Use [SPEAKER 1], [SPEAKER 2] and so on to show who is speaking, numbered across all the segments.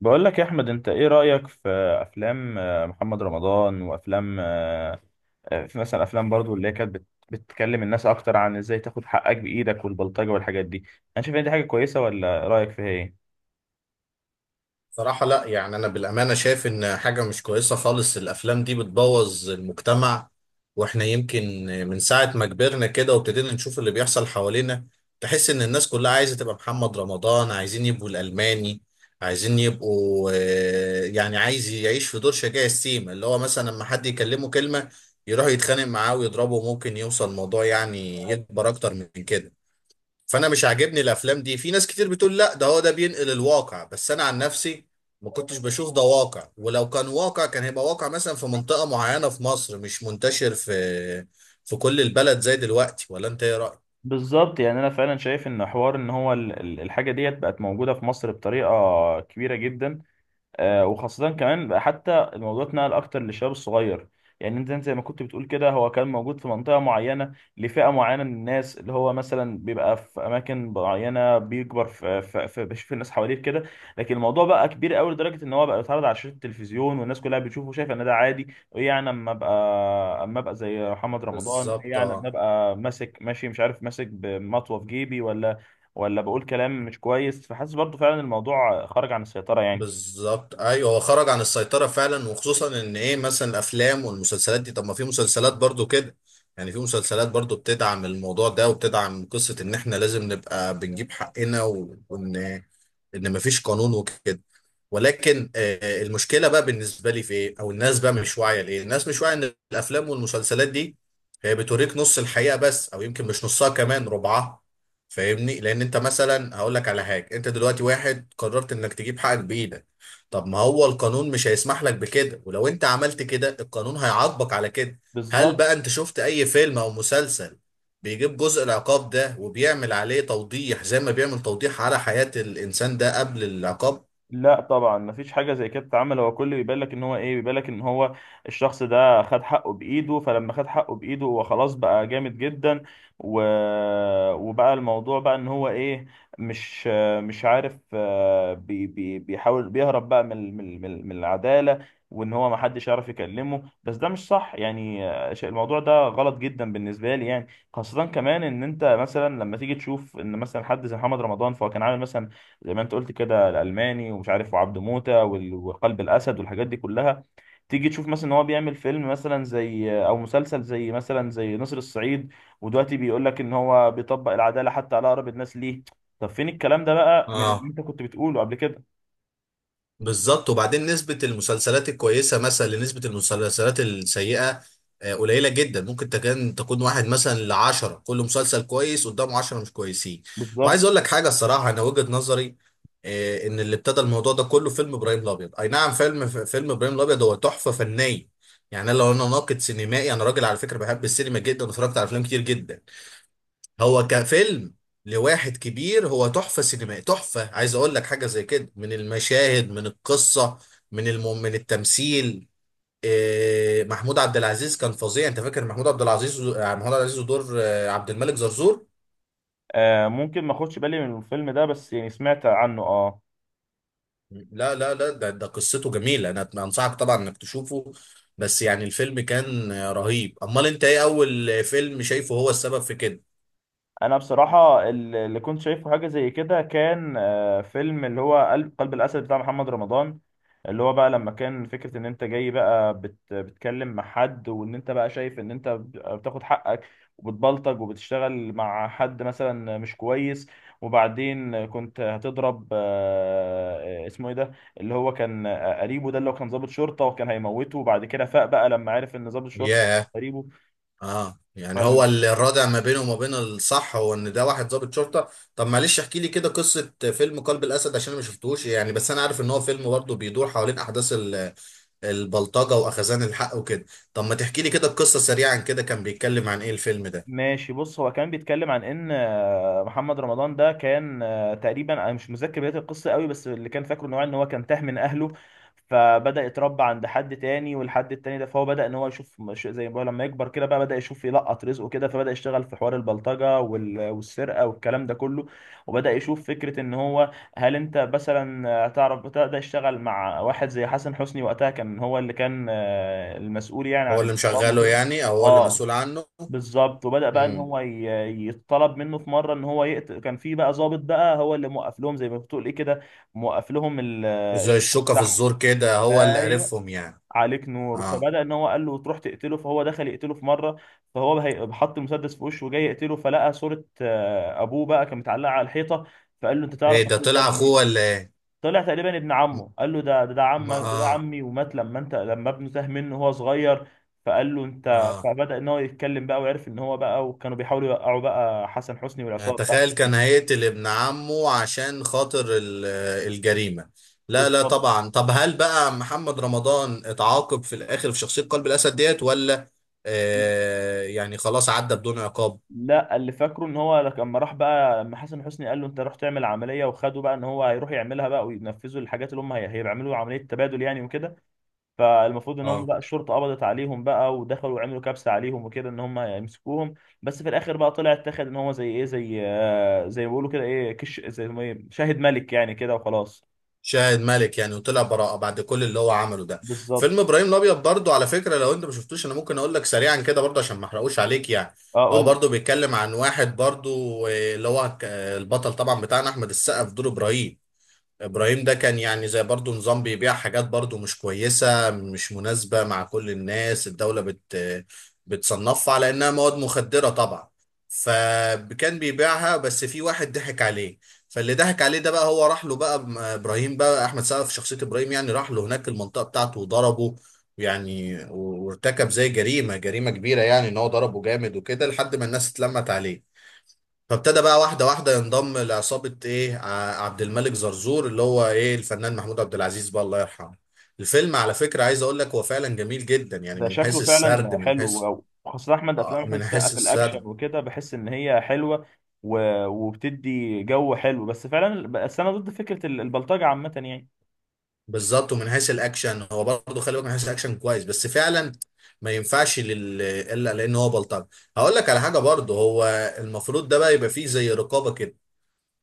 [SPEAKER 1] بقول لك يا احمد، انت ايه رأيك في افلام محمد رمضان وافلام في مثلا افلام برضو اللي هي كانت بتكلم الناس اكتر عن ازاي تاخد حقك بايدك والبلطجة والحاجات دي؟ انا شايف ان دي حاجة كويسة، ولا رأيك فيها ايه؟
[SPEAKER 2] صراحة، لا يعني أنا بالأمانة شايف إن حاجة مش كويسة خالص. الأفلام دي بتبوظ المجتمع. وإحنا يمكن من ساعة ما كبرنا كده وابتدينا نشوف اللي بيحصل حوالينا، تحس إن الناس كلها عايزة تبقى محمد رمضان، عايزين يبقوا الألماني، عايزين يبقوا يعني عايز يعيش في دور شجاع السيما، اللي هو مثلا لما حد يكلمه كلمة يروح يتخانق معاه ويضربه، ممكن يوصل الموضوع يعني يكبر أكتر من كده. فانا مش عاجبني الافلام دي. في ناس كتير بتقول لا، ده هو ده بينقل الواقع، بس انا عن نفسي ما كنتش بشوف ده واقع، ولو كان واقع كان هيبقى واقع مثلا في منطقة معينة في مصر، مش منتشر في كل البلد زي دلوقتي. ولا انت ايه رأيك؟
[SPEAKER 1] بالظبط، يعني انا فعلا شايف ان حوار ان هو الحاجة ديت بقت موجودة في مصر بطريقة كبيرة جدا. وخاصة كمان بقى، حتى الموضوع اتنقل أكتر للشباب الصغير. يعني أنت زي ما كنت بتقول كده، هو كان موجود في منطقة معينة لفئة معينة من الناس، اللي هو مثلا بيبقى في أماكن معينة، بيكبر في بيشوف الناس حواليه في كده. لكن الموضوع بقى كبير قوي لدرجة إن هو بقى بيتعرض على شاشة التلفزيون، والناس كلها بتشوفه وشايفه إن ده عادي. إيه يعني أما أبقى زي محمد رمضان؟ إيه
[SPEAKER 2] بالظبط.
[SPEAKER 1] يعني أما أبقى ماسك، ماشي مش عارف، ماسك بمطوة في جيبي، ولا بقول كلام مش كويس؟ فحاسس برضه فعلا الموضوع خرج عن السيطرة يعني.
[SPEAKER 2] بالظبط، ايوه هو خرج عن السيطره فعلا. وخصوصا ان ايه مثلا الافلام والمسلسلات دي، طب ما في مسلسلات برضو كده، يعني في مسلسلات برضو بتدعم الموضوع ده وبتدعم قصه ان احنا لازم نبقى بنجيب حقنا وان مفيش قانون وكده. ولكن المشكله بقى بالنسبه لي في ايه، او الناس بقى مش واعيه لايه. الناس مش واعيه ان الافلام والمسلسلات دي هي بتوريك نص الحقيقه بس، او يمكن مش نصها، كمان ربعها. فاهمني، لان انت مثلا هقول لك على حاجه، انت دلوقتي واحد قررت انك تجيب حقك بايدك، طب ما هو القانون مش هيسمح لك بكده، ولو انت عملت كده القانون هيعاقبك على كده. هل
[SPEAKER 1] بالظبط.
[SPEAKER 2] بقى انت شفت اي فيلم او مسلسل بيجيب جزء العقاب ده وبيعمل عليه توضيح زي ما بيعمل توضيح على حياة الانسان ده قبل العقاب؟
[SPEAKER 1] لا طبعا مفيش حاجه زي كده بتتعمل. هو كله بيبان لك ان هو ايه، بيبان لك ان هو الشخص ده خد حقه بايده، فلما خد حقه بايده هو خلاص بقى جامد جدا. و... وبقى الموضوع بقى ان هو ايه، مش مش عارف، بيحاول بيهرب بقى من العداله، وان هو محدش يعرف يكلمه. بس ده مش صح يعني. الموضوع ده غلط جدا بالنسبه لي يعني. خاصه كمان ان انت مثلا لما تيجي تشوف ان مثلا حد زي محمد رمضان، فهو كان عامل مثلا زي ما انت قلت كده الالماني ومش عارف وعبد موتة وقلب الاسد والحاجات دي كلها. تيجي تشوف مثلا ان هو بيعمل فيلم مثلا، زي او مسلسل زي مثلا زي نسر الصعيد، ودلوقتي بيقول لك ان هو بيطبق العداله حتى على اقرب الناس ليه. طب فين الكلام ده بقى من اللي انت كنت بتقوله قبل كده؟
[SPEAKER 2] بالظبط. وبعدين نسبة المسلسلات الكويسة مثلا لنسبة المسلسلات السيئة قليلة جدا. ممكن تكون واحد مثلا لعشرة، كل مسلسل كويس قدامه عشرة مش كويسين. وعايز
[SPEAKER 1] بالظبط.
[SPEAKER 2] أقول لك حاجة الصراحة، أنا وجهة نظري إن اللي ابتدى الموضوع ده كله فيلم إبراهيم الأبيض. أي نعم، فيلم فيلم إبراهيم الأبيض هو تحفة فنية. يعني أنا لو أنا ناقد سينمائي، أنا راجل على فكرة بحب السينما جدا واتفرجت على أفلام كتير جدا. هو كفيلم لواحد كبير هو تحفة سينمائية تحفة. عايز اقول لك حاجة زي كده، من المشاهد، من القصة، من التمثيل. محمود عبد العزيز كان فظيع. انت فاكر محمود عبد العزيز؟ محمود عبد العزيز، ودور عبد الملك زرزور.
[SPEAKER 1] آه ممكن ما اخدش بالي من الفيلم ده، بس يعني سمعت عنه، اه.
[SPEAKER 2] لا لا لا، ده قصته جميلة، انا انصحك طبعا انك تشوفه. بس يعني الفيلم كان رهيب. امال انت ايه اول فيلم شايفه هو السبب في كده؟
[SPEAKER 1] انا بصراحه، اللي كنت شايفه حاجه زي كده، كان فيلم اللي هو قلب الاسد بتاع محمد رمضان. اللي هو بقى لما كان فكره ان انت جاي بقى بت بتكلم مع حد، وان انت بقى شايف ان انت بتاخد حقك وبتبلطج وبتشتغل مع حد مثلا مش كويس. وبعدين كنت هتضرب اسمه ايه ده، اللي هو كان قريبه، ده اللي هو كان ضابط شرطه وكان هيموته، وبعد كده فاق بقى لما عرف ان ضابط الشرطه ده
[SPEAKER 2] ياه.
[SPEAKER 1] قريبه.
[SPEAKER 2] اه، يعني هو اللي الرادع ما بينه وما بين الصح هو ان ده واحد ضابط شرطه. طب معلش احكي لي كده قصه فيلم قلب الاسد عشان انا ما شفتوش، يعني بس انا عارف ان هو فيلم برضه بيدور حوالين احداث البلطجه واخذان الحق وكده. طب ما تحكي لي كده القصه سريعا، كده كان بيتكلم عن ايه الفيلم ده؟
[SPEAKER 1] ماشي بص، هو كان بيتكلم عن ان محمد رمضان ده كان، تقريبا انا مش متذكر بدايه القصه قوي، بس اللي كان فاكره ان هو كان تاه من اهله. فبدا يتربى عند حد تاني، والحد التاني ده فهو بدا ان هو يشوف، زي ما بقول، لما يكبر كده بقى بدا يشوف يلقط رزقه كده، فبدا يشتغل في حوار البلطجه والسرقه والكلام ده كله. وبدا يشوف فكره ان هو، هل انت مثلا تعرف، بدا يشتغل مع واحد زي حسن حسني وقتها، كان هو اللي كان المسؤول يعني
[SPEAKER 2] هو
[SPEAKER 1] عن
[SPEAKER 2] اللي
[SPEAKER 1] الاجرام
[SPEAKER 2] مشغله
[SPEAKER 1] وكده.
[SPEAKER 2] يعني، او هو اللي
[SPEAKER 1] اه،
[SPEAKER 2] مسؤول عنه؟
[SPEAKER 1] بالظبط. وبدأ بقى ان
[SPEAKER 2] امم.
[SPEAKER 1] هو يتطلب منه في مره ان هو يقتل. كان في بقى ضابط بقى هو اللي موقف لهم زي ما بتقول ايه كده، موقف لهم
[SPEAKER 2] زي
[SPEAKER 1] الشغل
[SPEAKER 2] الشوكه في
[SPEAKER 1] بتاعهم.
[SPEAKER 2] الزور كده، هو اللي
[SPEAKER 1] ايوه،
[SPEAKER 2] عرفهم يعني.
[SPEAKER 1] عليك نور.
[SPEAKER 2] اه،
[SPEAKER 1] فبدأ ان هو قال له تروح تقتله، فهو دخل يقتله في مره، فهو حط المسدس في وشه وجاي يقتله، فلقى صوره ابوه بقى كان متعلقه على الحيطه، فقال له: انت تعرف
[SPEAKER 2] ايه ده،
[SPEAKER 1] الراجل ده
[SPEAKER 2] طلع اخوه
[SPEAKER 1] منين؟
[SPEAKER 2] ولا ايه؟
[SPEAKER 1] طلع تقريبا ابن
[SPEAKER 2] م-
[SPEAKER 1] عمه. قال له: ده
[SPEAKER 2] ما
[SPEAKER 1] عمك، ده
[SPEAKER 2] اه.
[SPEAKER 1] عمي، ومات لما انت لما ابنه تاه منه وهو صغير. فقال له: انت،
[SPEAKER 2] اه،
[SPEAKER 1] فبدأ ان هو يتكلم بقى وعرف ان هو بقى، وكانوا بيحاولوا يوقعوا بقى حسن حسني
[SPEAKER 2] يعني
[SPEAKER 1] والعصابه بتاعته.
[SPEAKER 2] تخيل كان هيقتل ابن عمه عشان خاطر الجريمة. لا لا
[SPEAKER 1] بالظبط.
[SPEAKER 2] طبعا. طب هل بقى محمد رمضان اتعاقب في الآخر في شخصية قلب الأسد ديت ولا يعني خلاص عدى بدون عقاب؟
[SPEAKER 1] لا، اللي فاكره ان هو لما راح بقى، لما حسن حسني قال له انت راح تعمل عمليه وخده بقى، ان هو هيروح يعملها بقى وينفذوا الحاجات، اللي هم هيعملوا عمليه تبادل يعني وكده. فالمفروض ان هم
[SPEAKER 2] اه،
[SPEAKER 1] بقى الشرطه قبضت عليهم بقى، ودخلوا وعملوا كبسه عليهم وكده ان هم يمسكوهم. بس في الاخر بقى طلع اتاخد ان هو، زي ايه، زي زي ما بيقولوا كده ايه، كش، زي ما إيه، شاهد ملك يعني كده وخلاص.
[SPEAKER 2] شاهد مالك يعني، وطلع براءة بعد كل اللي هو عمله ده؟
[SPEAKER 1] بالظبط.
[SPEAKER 2] فيلم إبراهيم الأبيض برضو على فكرة لو أنت ما شفتوش أنا ممكن أقول لك سريعا كده برضو عشان ما أحرقوش عليك يعني.
[SPEAKER 1] اه،
[SPEAKER 2] هو
[SPEAKER 1] قول لي.
[SPEAKER 2] برضو بيتكلم عن واحد برضو، اللي هو البطل طبعا بتاعنا أحمد السقا في دور إبراهيم. ابراهيم ده كان يعني زي برضو نظام بيبيع حاجات برضو مش كويسة، مش مناسبة مع كل الناس، الدولة بتصنفها على انها مواد مخدرة طبعا. فكان بيبيعها، بس في واحد ضحك عليه. فاللي ضحك عليه ده بقى هو راح له بقى، ابراهيم بقى احمد سقا في شخصية ابراهيم يعني، راح له هناك المنطقة بتاعته وضربه، يعني وارتكب زي جريمة جريمة كبيرة، يعني ان هو ضربه جامد وكده لحد ما الناس اتلمت عليه. فابتدى بقى واحدة واحدة ينضم لعصابة ايه، عبد الملك زرزور، اللي هو ايه الفنان محمود عبد العزيز بقى الله يرحمه. الفيلم على فكرة عايز اقول لك هو فعلا جميل جدا، يعني
[SPEAKER 1] ده
[SPEAKER 2] من
[SPEAKER 1] شكله
[SPEAKER 2] حيث السرد،
[SPEAKER 1] فعلا
[SPEAKER 2] من حيث
[SPEAKER 1] حلو أوي، وخاصه احمد، افلام احمد
[SPEAKER 2] من
[SPEAKER 1] السقا
[SPEAKER 2] حيث
[SPEAKER 1] في الاكشن
[SPEAKER 2] السرد.
[SPEAKER 1] وكده، بحس ان هي حلوه وبتدي جو حلو. بس فعلا، بس انا ضد فكره البلطجه عامه يعني.
[SPEAKER 2] بالظبط، ومن حيث الاكشن هو برضه، خلي بالك من حيث الاكشن كويس، بس فعلا ما ينفعش الا لان هو بلطجي. هقول لك على حاجة برضه، هو المفروض ده بقى يبقى فيه زي رقابة كده.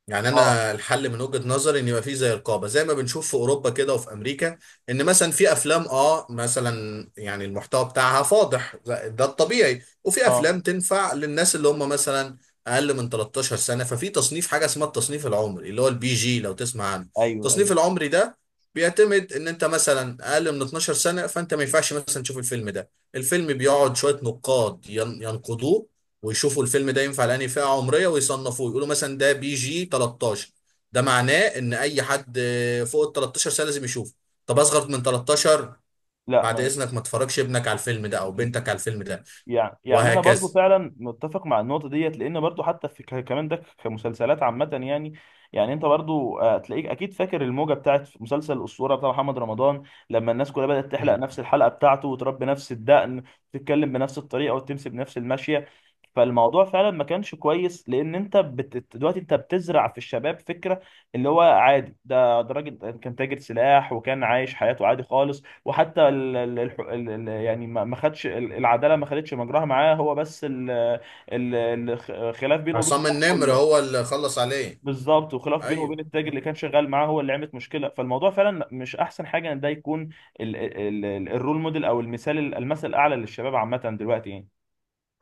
[SPEAKER 2] يعني
[SPEAKER 1] اه.
[SPEAKER 2] انا الحل من وجهة نظري ان يبقى فيه زي رقابه زي ما بنشوف في اوروبا كده وفي امريكا. ان مثلا في افلام مثلا يعني المحتوى بتاعها فاضح، ده الطبيعي. وفي
[SPEAKER 1] اه.
[SPEAKER 2] افلام تنفع للناس اللي هم مثلا اقل من 13 سنه. ففي تصنيف حاجه اسمها التصنيف العمري، اللي هو البي جي لو تسمع عنه.
[SPEAKER 1] ايوه،
[SPEAKER 2] التصنيف
[SPEAKER 1] ايوه.
[SPEAKER 2] العمري ده بيعتمد ان انت مثلا اقل من 12 سنه فانت ما ينفعش مثلا تشوف الفيلم ده. الفيلم بيقعد شويه نقاد ينقدوه ويشوفوا الفيلم ده ينفع لأنهي فئة عمرية، ويصنفوه يقولوا مثلا ده بي جي 13. ده معناه ان اي حد فوق ال 13 سنة لازم يشوفه. طب اصغر من 13،
[SPEAKER 1] لا،
[SPEAKER 2] بعد
[SPEAKER 1] ما.
[SPEAKER 2] اذنك ما تفرجش ابنك على الفيلم ده او بنتك على الفيلم ده.
[SPEAKER 1] يعني انا
[SPEAKER 2] وهكذا.
[SPEAKER 1] برضو فعلا متفق مع النقطه ديت، لان برضو حتى في كمان، ده كمسلسلات عامه يعني. يعني انت برضو، هتلاقيك اكيد فاكر الموجه بتاعت مسلسل الاسطوره بتاع محمد رمضان، لما الناس كلها بدات تحلق
[SPEAKER 2] مم.
[SPEAKER 1] نفس الحلقه بتاعته وتربي نفس الدقن وتتكلم بنفس الطريقه وتمشي بنفس المشيه. فالموضوع فعلا ما كانش كويس، لان انت دلوقتي انت بتزرع في الشباب فكره اللي هو عادي. ده، ده راجل كان تاجر سلاح وكان عايش حياته عادي خالص، وحتى ال ال ال ال ال يعني ما خدش العداله ما خدتش مجراها معاه. هو بس خلاف بينه وبين
[SPEAKER 2] عصام
[SPEAKER 1] صاحبه
[SPEAKER 2] النمر هو اللي خلص عليه.
[SPEAKER 1] بالظبط، وخلاف بينه
[SPEAKER 2] ايوه.
[SPEAKER 1] وبين التاجر اللي
[SPEAKER 2] مم.
[SPEAKER 1] كان شغال معاه، هو اللي عملت مشكله. فالموضوع فعلا مش احسن حاجه ان ده يكون ال ال ال الرول موديل، او المثل الاعلى للشباب عامه دلوقتي يعني.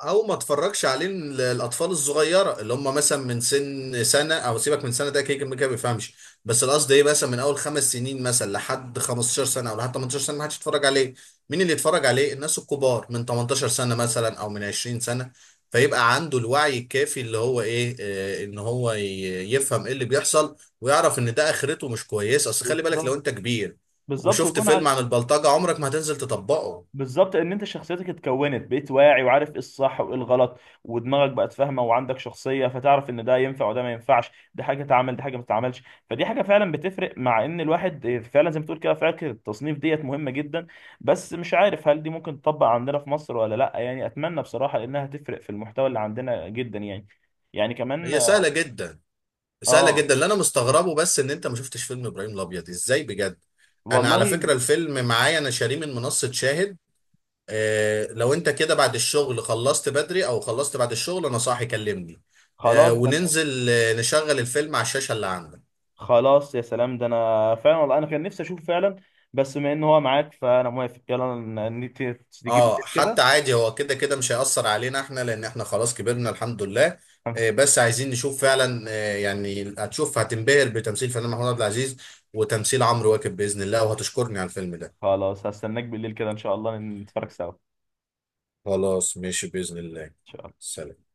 [SPEAKER 2] او ما اتفرجش عليه الاطفال الصغيره، اللي هم مثلا من سن سنه، او سيبك من سنه ده كده كده كده ما بيفهمش. بس القصد ايه مثلا من اول خمس سنين مثلا لحد 15 سنه او لحد 18 سنه ما حدش يتفرج عليه. مين اللي يتفرج عليه؟ الناس الكبار من 18 سنه مثلا، او من 20 سنه، فيبقى عنده الوعي الكافي، اللي هو ايه ان هو يفهم ايه اللي بيحصل، ويعرف ان ده اخرته مش كويسه. اصل خلي بالك لو
[SPEAKER 1] بالظبط.
[SPEAKER 2] انت كبير
[SPEAKER 1] بالظبط،
[SPEAKER 2] وشفت
[SPEAKER 1] ويكون
[SPEAKER 2] فيلم
[SPEAKER 1] على.
[SPEAKER 2] عن البلطجه عمرك ما هتنزل تطبقه.
[SPEAKER 1] بالظبط، ان انت شخصيتك اتكونت، بقيت واعي وعارف ايه الصح وايه الغلط، ودماغك بقت فاهمه وعندك شخصيه، فتعرف ان ده ينفع وده ما ينفعش، دي حاجه تعمل دي حاجه ما تتعملش. فدي حاجه فعلا بتفرق. مع ان الواحد فعلا زي ما تقول كده، فكره التصنيف ديت مهمه جدا. بس مش عارف هل دي ممكن تطبق عندنا في مصر ولا لا يعني. اتمنى بصراحه، لانها تفرق في المحتوى اللي عندنا جدا يعني، يعني كمان.
[SPEAKER 2] هي سهله جدا، سهله
[SPEAKER 1] اه.
[SPEAKER 2] جدا. اللي انا مستغربه بس ان انت ما شفتش فيلم ابراهيم الابيض ازاي بجد. انا على
[SPEAKER 1] والله.
[SPEAKER 2] فكره الفيلم معايا، انا شاريه من منصه شاهد. لو انت كده بعد الشغل خلصت بدري، او خلصت بعد الشغل انا صاحي كلمني.
[SPEAKER 1] خلاص ده.
[SPEAKER 2] وننزل نشغل الفيلم على الشاشه اللي عندك.
[SPEAKER 1] خلاص يا سلام، ده انا فعلا والله انا كان نفسي اشوف فعلا. بس بما ان هو معاك فانا موافق. يلا تيجي بالليل
[SPEAKER 2] اه، حتى
[SPEAKER 1] كده.
[SPEAKER 2] عادي، هو كده كده مش هيأثر علينا احنا، لان احنا خلاص كبرنا الحمد لله. آه، بس عايزين نشوف فعلا. يعني هتشوف هتنبهر بتمثيل فنان محمود عبد العزيز، وتمثيل عمرو واكد باذن الله، وهتشكرني على الفيلم ده.
[SPEAKER 1] خلاص، هستناك بالليل كده ان شاء الله، نتفرج سوا، إن
[SPEAKER 2] خلاص ماشي بإذن الله.
[SPEAKER 1] شاء الله.
[SPEAKER 2] سلام.